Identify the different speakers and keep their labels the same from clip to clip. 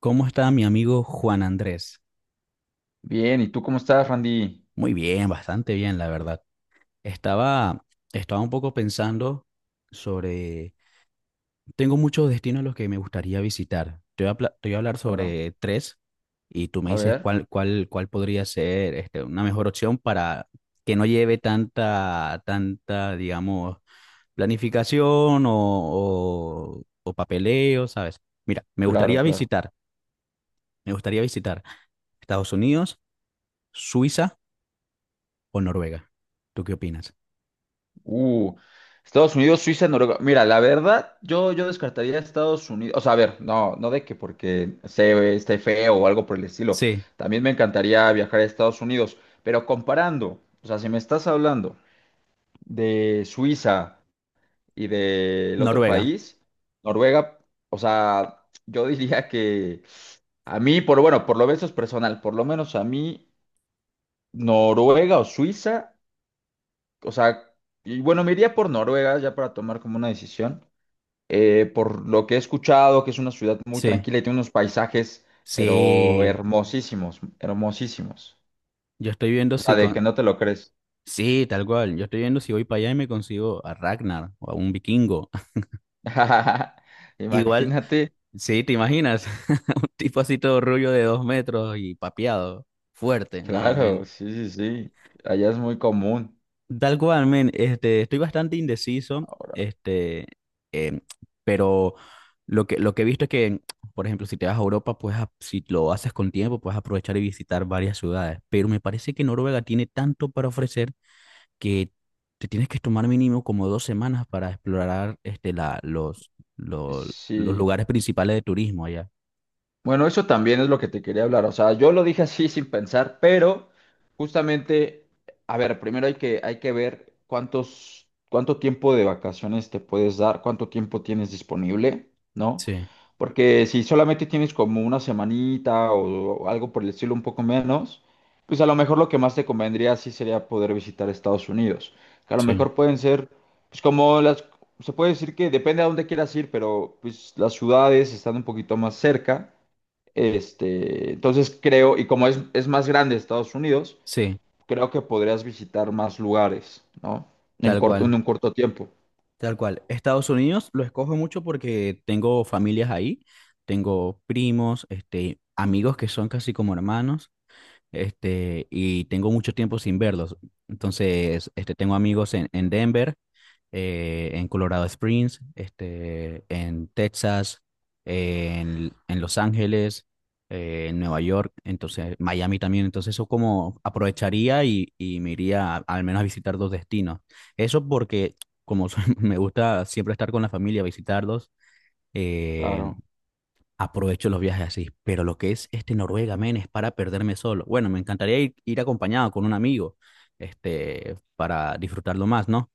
Speaker 1: ¿Cómo está mi amigo Juan Andrés?
Speaker 2: Bien, ¿y tú cómo estás, Randy?
Speaker 1: Muy bien, bastante bien, la verdad. Estaba, Estaba un poco pensando sobre. Tengo muchos destinos a los que me gustaría visitar. Te voy a hablar
Speaker 2: Claro.
Speaker 1: sobre tres y tú me
Speaker 2: A
Speaker 1: dices
Speaker 2: ver,
Speaker 1: cuál podría ser una mejor opción para que no lleve tanta, digamos, planificación o papeleo, ¿sabes? Mira,
Speaker 2: claro, claro.
Speaker 1: me gustaría visitar ¿Estados Unidos, Suiza o Noruega? ¿Tú qué opinas?
Speaker 2: Uh, Estados Unidos, Suiza, Noruega. Mira, la verdad, yo descartaría a Estados Unidos. O sea, a ver, no de que porque se esté feo o algo por el estilo.
Speaker 1: Sí,
Speaker 2: También me encantaría viajar a Estados Unidos. Pero comparando, o sea, si me estás hablando de Suiza y del otro
Speaker 1: Noruega.
Speaker 2: país, Noruega, o sea, yo diría que a mí, por bueno, por lo menos es personal, por lo menos a mí. Noruega o Suiza. O sea, y bueno, me iría por Noruega ya para tomar como una decisión. Por lo que he escuchado, que es una ciudad muy
Speaker 1: Sí,
Speaker 2: tranquila y tiene unos paisajes, pero
Speaker 1: sí.
Speaker 2: hermosísimos, hermosísimos.
Speaker 1: Yo estoy viendo
Speaker 2: O sea,
Speaker 1: si
Speaker 2: de que
Speaker 1: con.
Speaker 2: no te lo crees.
Speaker 1: Sí, tal cual. Yo estoy viendo si voy para allá y me consigo a Ragnar o a un vikingo. Igual,
Speaker 2: Imagínate,
Speaker 1: sí, ¿te imaginas? Un tipo así todo rubio de 2 metros y papeado, fuerte. No,
Speaker 2: claro,
Speaker 1: men.
Speaker 2: sí, sí, sí. Allá es muy común.
Speaker 1: Tal cual, men, estoy bastante indeciso,
Speaker 2: Ahora,
Speaker 1: este, em, pero lo que he visto es que, por ejemplo, si te vas a Europa, pues si lo haces con tiempo, puedes aprovechar y visitar varias ciudades, pero me parece que Noruega tiene tanto para ofrecer que te tienes que tomar mínimo como 2 semanas para explorar lo- los
Speaker 2: sí.
Speaker 1: lugares principales de turismo allá.
Speaker 2: Bueno, eso también es lo que te quería hablar. O sea, yo lo dije así sin pensar, pero justamente, a ver, primero hay que ver cuántos, cuánto tiempo de vacaciones te puedes dar, cuánto tiempo tienes disponible, ¿no?
Speaker 1: Sí,
Speaker 2: Porque si solamente tienes como una semanita o algo por el estilo un poco menos, pues a lo mejor lo que más te convendría sí sería poder visitar Estados Unidos. Que a lo
Speaker 1: sí,
Speaker 2: mejor pueden ser, pues como las, se puede decir que depende a dónde quieras ir, pero pues las ciudades están un poquito más cerca. Este, entonces creo, y como es más grande Estados Unidos,
Speaker 1: sí,
Speaker 2: creo que podrías visitar más lugares, ¿no? En
Speaker 1: tal
Speaker 2: corto,
Speaker 1: cual.
Speaker 2: en un corto tiempo.
Speaker 1: Tal cual. Estados Unidos lo escojo mucho porque tengo familias ahí, tengo primos, amigos que son casi como hermanos, y tengo mucho tiempo sin verlos. Entonces, tengo amigos en Denver, en Colorado Springs, en Texas, en Los Ángeles, en Nueva York, entonces Miami también. Entonces, eso como aprovecharía y me iría al menos a visitar dos destinos. Eso porque, me gusta siempre estar con la familia, visitarlos. eh,
Speaker 2: Claro.
Speaker 1: Aprovecho los viajes así. Pero lo que es Noruega, men, es para perderme solo. Bueno, me encantaría ir acompañado con un amigo, para disfrutarlo más, ¿no?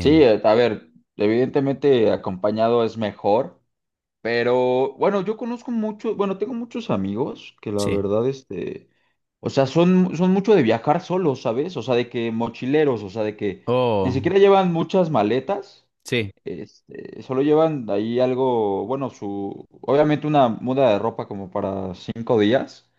Speaker 2: Sí, a ver, evidentemente acompañado es mejor, pero bueno, yo conozco mucho, bueno, tengo muchos amigos que la
Speaker 1: sí.
Speaker 2: verdad, este, o sea, son, son mucho de viajar solos, ¿sabes? O sea, de que mochileros, o sea, de que ni
Speaker 1: Oh,
Speaker 2: siquiera llevan muchas maletas.
Speaker 1: sí.
Speaker 2: Este, solo llevan ahí algo, bueno, su, obviamente una muda de ropa como para 5 días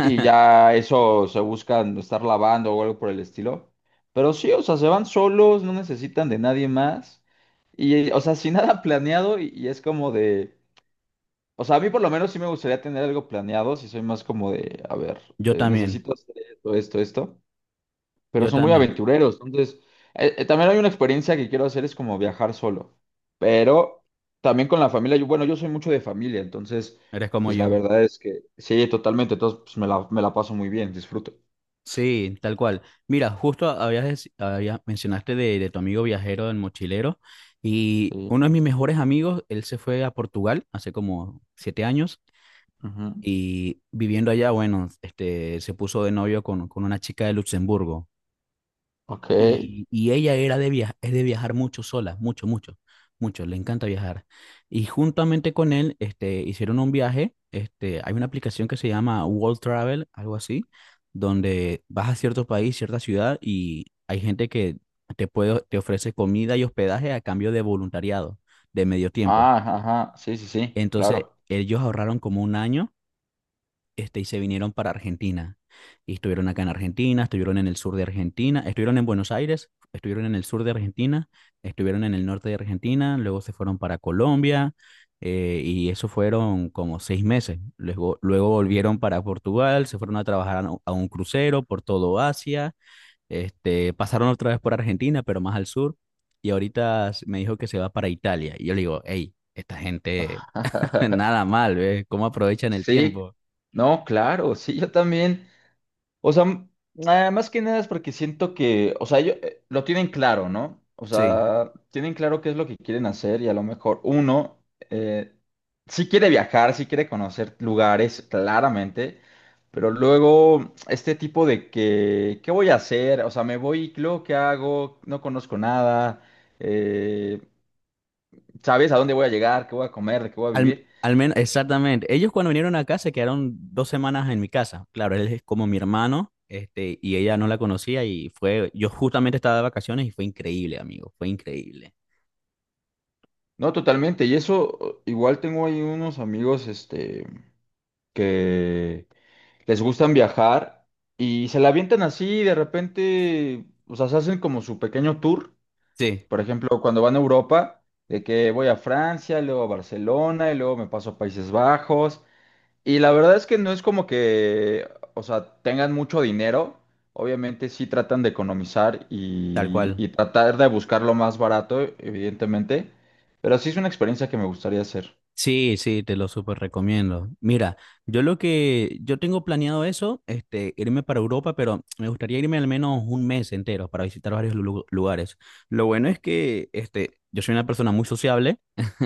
Speaker 2: y ya eso se buscan estar lavando o algo por el estilo. Pero sí, o sea, se van solos, no necesitan de nadie más y, o sea, sin nada planeado y es como de, o sea, a mí por lo menos sí me gustaría tener algo planeado, si soy más como de, a ver,
Speaker 1: Yo también,
Speaker 2: necesito hacer esto, esto, esto, pero
Speaker 1: yo
Speaker 2: son muy
Speaker 1: también.
Speaker 2: aventureros. Entonces, también hay una experiencia que quiero hacer, es como viajar solo, pero también con la familia. Yo, bueno, yo soy mucho de familia, entonces,
Speaker 1: Eres como
Speaker 2: pues la
Speaker 1: yo.
Speaker 2: verdad es que sí, totalmente. Entonces, pues me la paso muy bien, disfruto.
Speaker 1: Sí, tal cual. Mira, justo mencionaste de tu amigo viajero, el mochilero, y uno
Speaker 2: Sí.
Speaker 1: de mis mejores amigos, él se fue a Portugal hace como 7 años.
Speaker 2: Ujú.
Speaker 1: Y viviendo allá, bueno, se puso de novio con una chica de Luxemburgo.
Speaker 2: Ok.
Speaker 1: Y ella era de viajar, es de viajar mucho sola, mucho, mucho, mucho, le encanta viajar. Y juntamente con él, hicieron un viaje. Hay una aplicación que se llama World Travel, algo así, donde vas a cierto país, cierta ciudad y hay gente que te ofrece comida y hospedaje a cambio de voluntariado, de medio tiempo.
Speaker 2: Ah, ajá. Sí, sí, sí,
Speaker 1: Entonces,
Speaker 2: claro.
Speaker 1: ellos ahorraron como un año, y se vinieron para Argentina. Y estuvieron acá en Argentina, estuvieron en el sur de Argentina, estuvieron en Buenos Aires, estuvieron en el sur de Argentina, estuvieron en el norte de Argentina, luego se fueron para Colombia. Y eso fueron como 6 meses. Luego volvieron para Portugal, se fueron a trabajar a un crucero por todo Asia. Pasaron otra vez por Argentina, pero más al sur, y ahorita me dijo que se va para Italia. Y yo le digo, hey, esta gente, nada mal, ¿ves? ¿Cómo aprovechan el
Speaker 2: Sí,
Speaker 1: tiempo?
Speaker 2: no, claro, sí, yo también. O sea, m- nada más que nada es porque siento que, o sea, ellos lo tienen claro, ¿no? O
Speaker 1: Sí.
Speaker 2: sea, tienen claro qué es lo que quieren hacer y a lo mejor uno eh, sí quiere viajar, sí quiere conocer lugares, claramente, pero luego este tipo de que, ¿qué voy a hacer? O sea, me voy, y luego, ¿qué hago? No conozco nada, eh, ¿sabes a dónde voy a llegar? ¿Qué voy a comer? ¿De qué voy a vivir?
Speaker 1: Al menos, exactamente. Ellos cuando vinieron acá se quedaron 2 semanas en mi casa. Claro, él es como mi hermano, y ella no la conocía y fue, yo justamente estaba de vacaciones y fue increíble, amigo, fue increíble.
Speaker 2: No, totalmente. Y eso, igual tengo ahí unos amigos, este, que... les gustan viajar y se la avientan así y de repente, o sea, se hacen como su pequeño tour.
Speaker 1: Sí,
Speaker 2: Por ejemplo, cuando van a Europa, de que voy a Francia, luego a Barcelona y luego me paso a Países Bajos. Y la verdad es que no es como que, o sea, tengan mucho dinero. Obviamente sí tratan de economizar
Speaker 1: tal cual.
Speaker 2: y tratar de buscar lo más barato, evidentemente. Pero sí es una experiencia que me gustaría hacer.
Speaker 1: Sí, sí, te lo súper recomiendo. Mira, yo tengo planeado eso, irme para Europa, pero me gustaría irme al menos un mes entero para visitar varios lugares. Lo bueno es que, yo soy una persona muy sociable.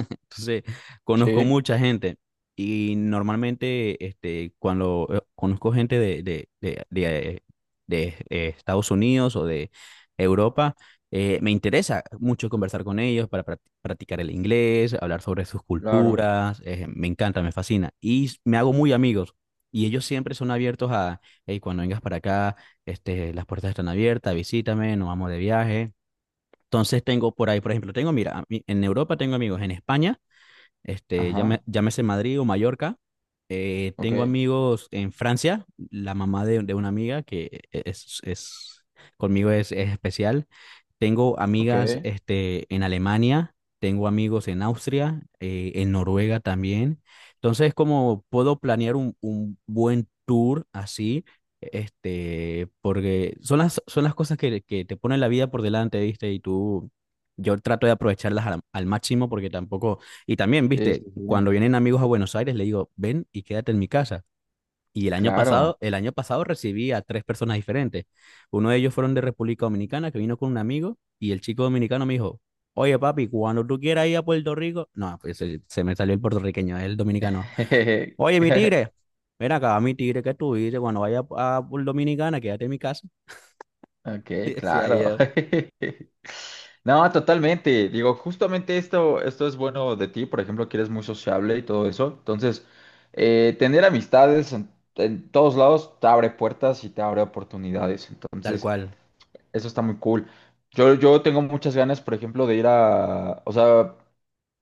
Speaker 1: Entonces, conozco
Speaker 2: Sí,
Speaker 1: mucha gente y normalmente, cuando conozco gente Estados Unidos o de Europa, me interesa mucho conversar con ellos para practicar el inglés, hablar sobre sus
Speaker 2: claro.
Speaker 1: culturas. Me encanta, me fascina y me hago muy amigos. Y ellos siempre son abiertos a, hey, cuando vengas para acá, las puertas están abiertas, visítame, nos vamos de viaje. Entonces tengo por ahí, por ejemplo, tengo, mira, en Europa tengo amigos, en España,
Speaker 2: Ajá,
Speaker 1: llámese Madrid o Mallorca.
Speaker 2: ok,
Speaker 1: Tengo amigos en Francia, la mamá de una amiga que es conmigo, es especial. Tengo
Speaker 2: ok.
Speaker 1: amigas, en Alemania, tengo amigos en Austria, en Noruega también. Entonces, como puedo planear un buen tour así, porque son las cosas que te ponen la vida por delante, ¿viste? Y tú, yo trato de aprovecharlas al máximo porque tampoco. Y también,
Speaker 2: Sí,
Speaker 1: viste,
Speaker 2: sí, sí.
Speaker 1: cuando vienen amigos a Buenos Aires, le digo, ven y quédate en mi casa.
Speaker 2: Claro.
Speaker 1: El año pasado recibí a tres personas diferentes. Uno de ellos fueron de República Dominicana, que vino con un amigo, y el chico dominicano me dijo, oye papi, cuando tú quieras ir a Puerto Rico, no, pues se me salió el puertorriqueño, el dominicano. Oye, mi tigre, ven acá, mi tigre, ¿que tú dices? Cuando vaya a Puerto Dominicana, quédate en mi casa.
Speaker 2: Ok,
Speaker 1: Y decía
Speaker 2: claro.
Speaker 1: yo,
Speaker 2: No, totalmente. Digo, justamente esto, esto es bueno de ti. Por ejemplo, que eres muy sociable y todo eso. Entonces, tener amistades en todos lados te abre puertas y te abre oportunidades.
Speaker 1: tal
Speaker 2: Entonces,
Speaker 1: cual.
Speaker 2: eso está muy cool. Yo tengo muchas ganas, por ejemplo, de ir a, o sea,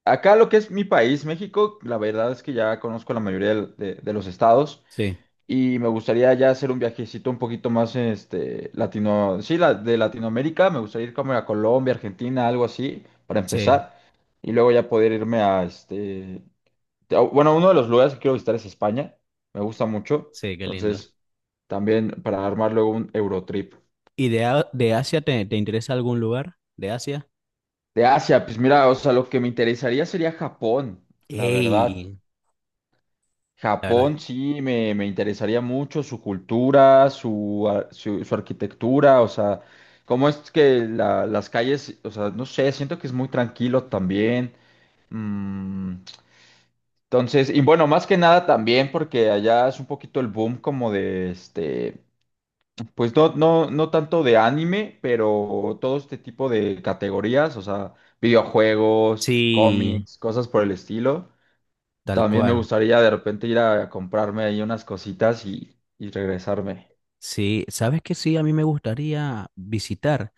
Speaker 2: acá lo que es mi país, México, la verdad es que ya conozco la mayoría de los estados.
Speaker 1: Sí,
Speaker 2: Y me gustaría ya hacer un viajecito un poquito más, este, latino, sí, la, de Latinoamérica. Me gustaría ir como a Colombia, Argentina, algo así, para
Speaker 1: sí,
Speaker 2: empezar. Y luego ya poder irme a, este, a- bueno, uno de los lugares que quiero visitar es España. Me gusta mucho.
Speaker 1: sí, qué lindo.
Speaker 2: Entonces, también para armar luego un Eurotrip.
Speaker 1: ¿Y de Asia te interesa algún lugar? ¿De Asia?
Speaker 2: De Asia, pues mira, o sea, lo que me interesaría sería Japón, la verdad.
Speaker 1: Ey, la verdad.
Speaker 2: Japón sí me interesaría mucho su cultura, su, ar- su arquitectura, o sea, cómo es que la- las calles, o sea, no sé, siento que es muy tranquilo también. Mm, entonces, y bueno, más que nada también porque allá es un poquito el boom como de este, pues no, no, no tanto de anime, pero todo este tipo de categorías, o sea, videojuegos,
Speaker 1: Sí,
Speaker 2: cómics, cosas por el estilo.
Speaker 1: tal
Speaker 2: También me
Speaker 1: cual.
Speaker 2: gustaría de repente ir a comprarme ahí unas cositas y regresarme.
Speaker 1: Sí, sabes que sí, a mí me gustaría visitar,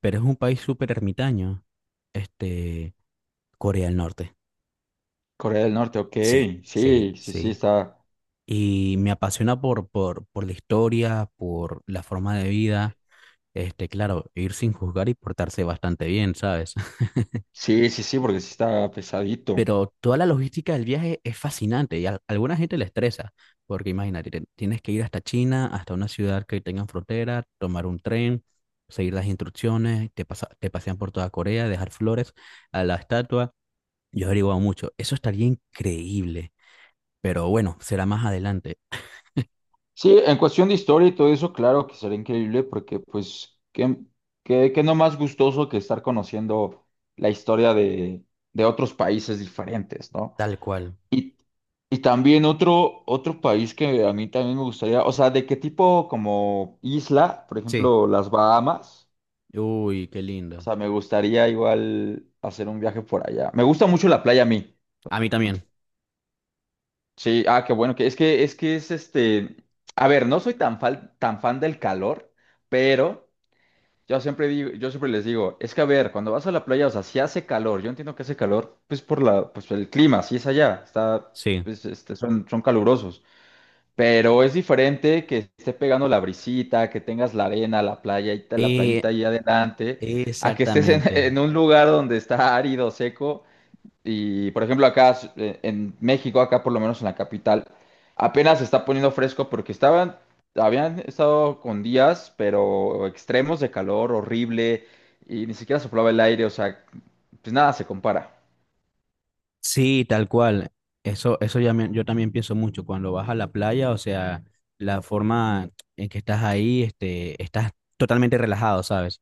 Speaker 1: pero es un país súper ermitaño, este, Corea del Norte.
Speaker 2: Corea del Norte, ok.
Speaker 1: Sí, sí,
Speaker 2: Sí, sí, sí,
Speaker 1: sí.
Speaker 2: está.
Speaker 1: Y me apasiona por la historia, por la forma de vida. Claro, ir sin juzgar y portarse bastante bien, ¿sabes?
Speaker 2: Sí, sí, sí, porque sí está pesadito.
Speaker 1: Pero toda la logística del viaje es fascinante y a alguna gente le estresa, porque imagínate, tienes que ir hasta China, hasta una ciudad que tengan frontera, tomar un tren, seguir las instrucciones, te pasean por toda Corea, dejar flores a la estatua. Yo he averiguado mucho, eso estaría increíble, pero bueno, será más adelante,
Speaker 2: Sí, en cuestión de historia y todo eso, claro que sería increíble porque pues, qué, qué, qué no más gustoso que estar conociendo la historia de otros países diferentes, ¿no?
Speaker 1: tal cual.
Speaker 2: Y, y también otro, otro país que a mí también me gustaría, o sea, ¿de qué tipo como isla? Por
Speaker 1: Sí,
Speaker 2: ejemplo, las Bahamas.
Speaker 1: uy, qué
Speaker 2: O
Speaker 1: lindo.
Speaker 2: sea, me gustaría igual hacer un viaje por allá. Me gusta mucho la playa a mí.
Speaker 1: A mí también,
Speaker 2: Sí, ah, qué bueno, que es que es que es este, a ver, no soy tan fan del calor, pero yo siempre digo, yo siempre les digo, es que a ver, cuando vas a la playa, o sea, si hace calor, yo entiendo que hace calor, pues por la, pues el clima, si es allá, está,
Speaker 1: sí.
Speaker 2: pues este, son, son calurosos. Pero es diferente que esté pegando la brisita, que tengas la arena, la playa, y ta- la playita
Speaker 1: Eh,
Speaker 2: ahí adelante, a que estés en,
Speaker 1: Exactamente.
Speaker 2: en un lugar donde está árido, seco. Y por ejemplo, acá en México, acá por lo menos en la capital, apenas se está poniendo fresco porque estaban, habían estado con días, pero extremos de calor horrible y ni siquiera soplaba el aire, o sea, pues nada se compara.
Speaker 1: Sí, tal cual. Eso ya yo también pienso mucho. Cuando vas a la playa, o sea, la forma en que estás ahí, estás totalmente relajado, ¿sabes?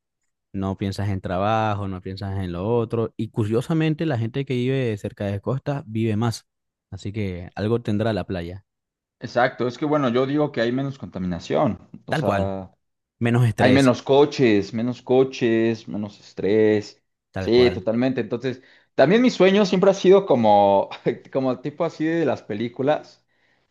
Speaker 1: No piensas en trabajo, no piensas en lo otro. Y curiosamente, la gente que vive cerca de costa vive más. Así que algo tendrá la playa.
Speaker 2: Exacto, es que bueno, yo digo que hay menos contaminación, o
Speaker 1: Tal cual.
Speaker 2: sea.
Speaker 1: Menos
Speaker 2: Hay
Speaker 1: estrés.
Speaker 2: menos coches, menos coches, menos estrés.
Speaker 1: Tal
Speaker 2: Sí,
Speaker 1: cual.
Speaker 2: totalmente. Entonces, también mi sueño siempre ha sido como, como tipo así de las películas,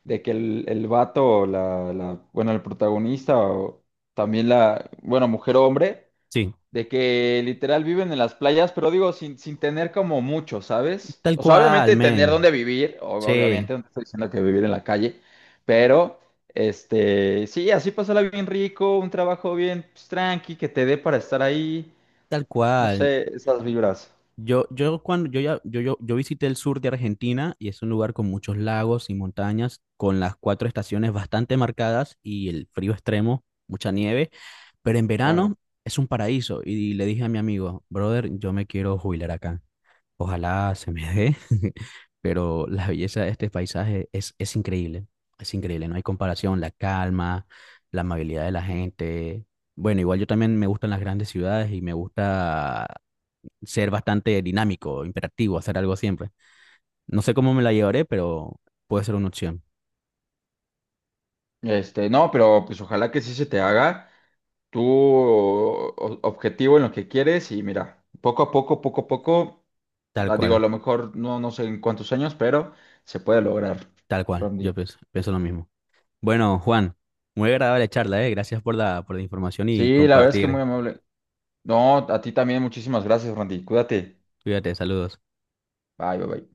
Speaker 2: de que el vato, o la, bueno, el protagonista, o también la, bueno, mujer o hombre
Speaker 1: Sí.
Speaker 2: de que literal viven en las playas, pero digo, sin, sin tener como mucho, ¿sabes?
Speaker 1: Tal
Speaker 2: O sea,
Speaker 1: cual,
Speaker 2: obviamente tener
Speaker 1: men.
Speaker 2: dónde vivir, o-
Speaker 1: Sí,
Speaker 2: obviamente no te estoy diciendo que vivir en la calle, pero este, sí, así pasarla bien rico, un trabajo bien pues, tranqui, que te dé para estar ahí,
Speaker 1: tal
Speaker 2: no
Speaker 1: cual.
Speaker 2: sé, esas vibras.
Speaker 1: Yo cuando yo ya Yo visité el sur de Argentina y es un lugar con muchos lagos y montañas, con las cuatro estaciones bastante marcadas y el frío extremo, mucha nieve, pero en
Speaker 2: Claro.
Speaker 1: verano es un paraíso. Y le dije a mi amigo, brother, yo me quiero jubilar acá. Ojalá se me dé. Pero la belleza de este paisaje es increíble, no hay comparación, la calma, la amabilidad de la gente. Bueno, igual yo también me gustan las grandes ciudades y me gusta ser bastante dinámico, imperativo, hacer algo siempre. No sé cómo me la llevaré, pero puede ser una opción.
Speaker 2: Este, no, pero pues ojalá que sí se te haga tu o- objetivo en lo que quieres y mira, poco a poco, poco a poco.
Speaker 1: Tal
Speaker 2: Ah, digo, a
Speaker 1: cual,
Speaker 2: lo mejor no, no sé en cuántos años, pero se puede lograr,
Speaker 1: tal cual. Yo
Speaker 2: Randy.
Speaker 1: pienso lo mismo. Bueno, Juan, muy agradable charla, ¿eh? Gracias por la información y
Speaker 2: Sí, la verdad es que muy
Speaker 1: compartir.
Speaker 2: amable. No, a ti también, muchísimas gracias, Randy. Cuídate.
Speaker 1: Cuídate, saludos.
Speaker 2: Bye, bye, bye.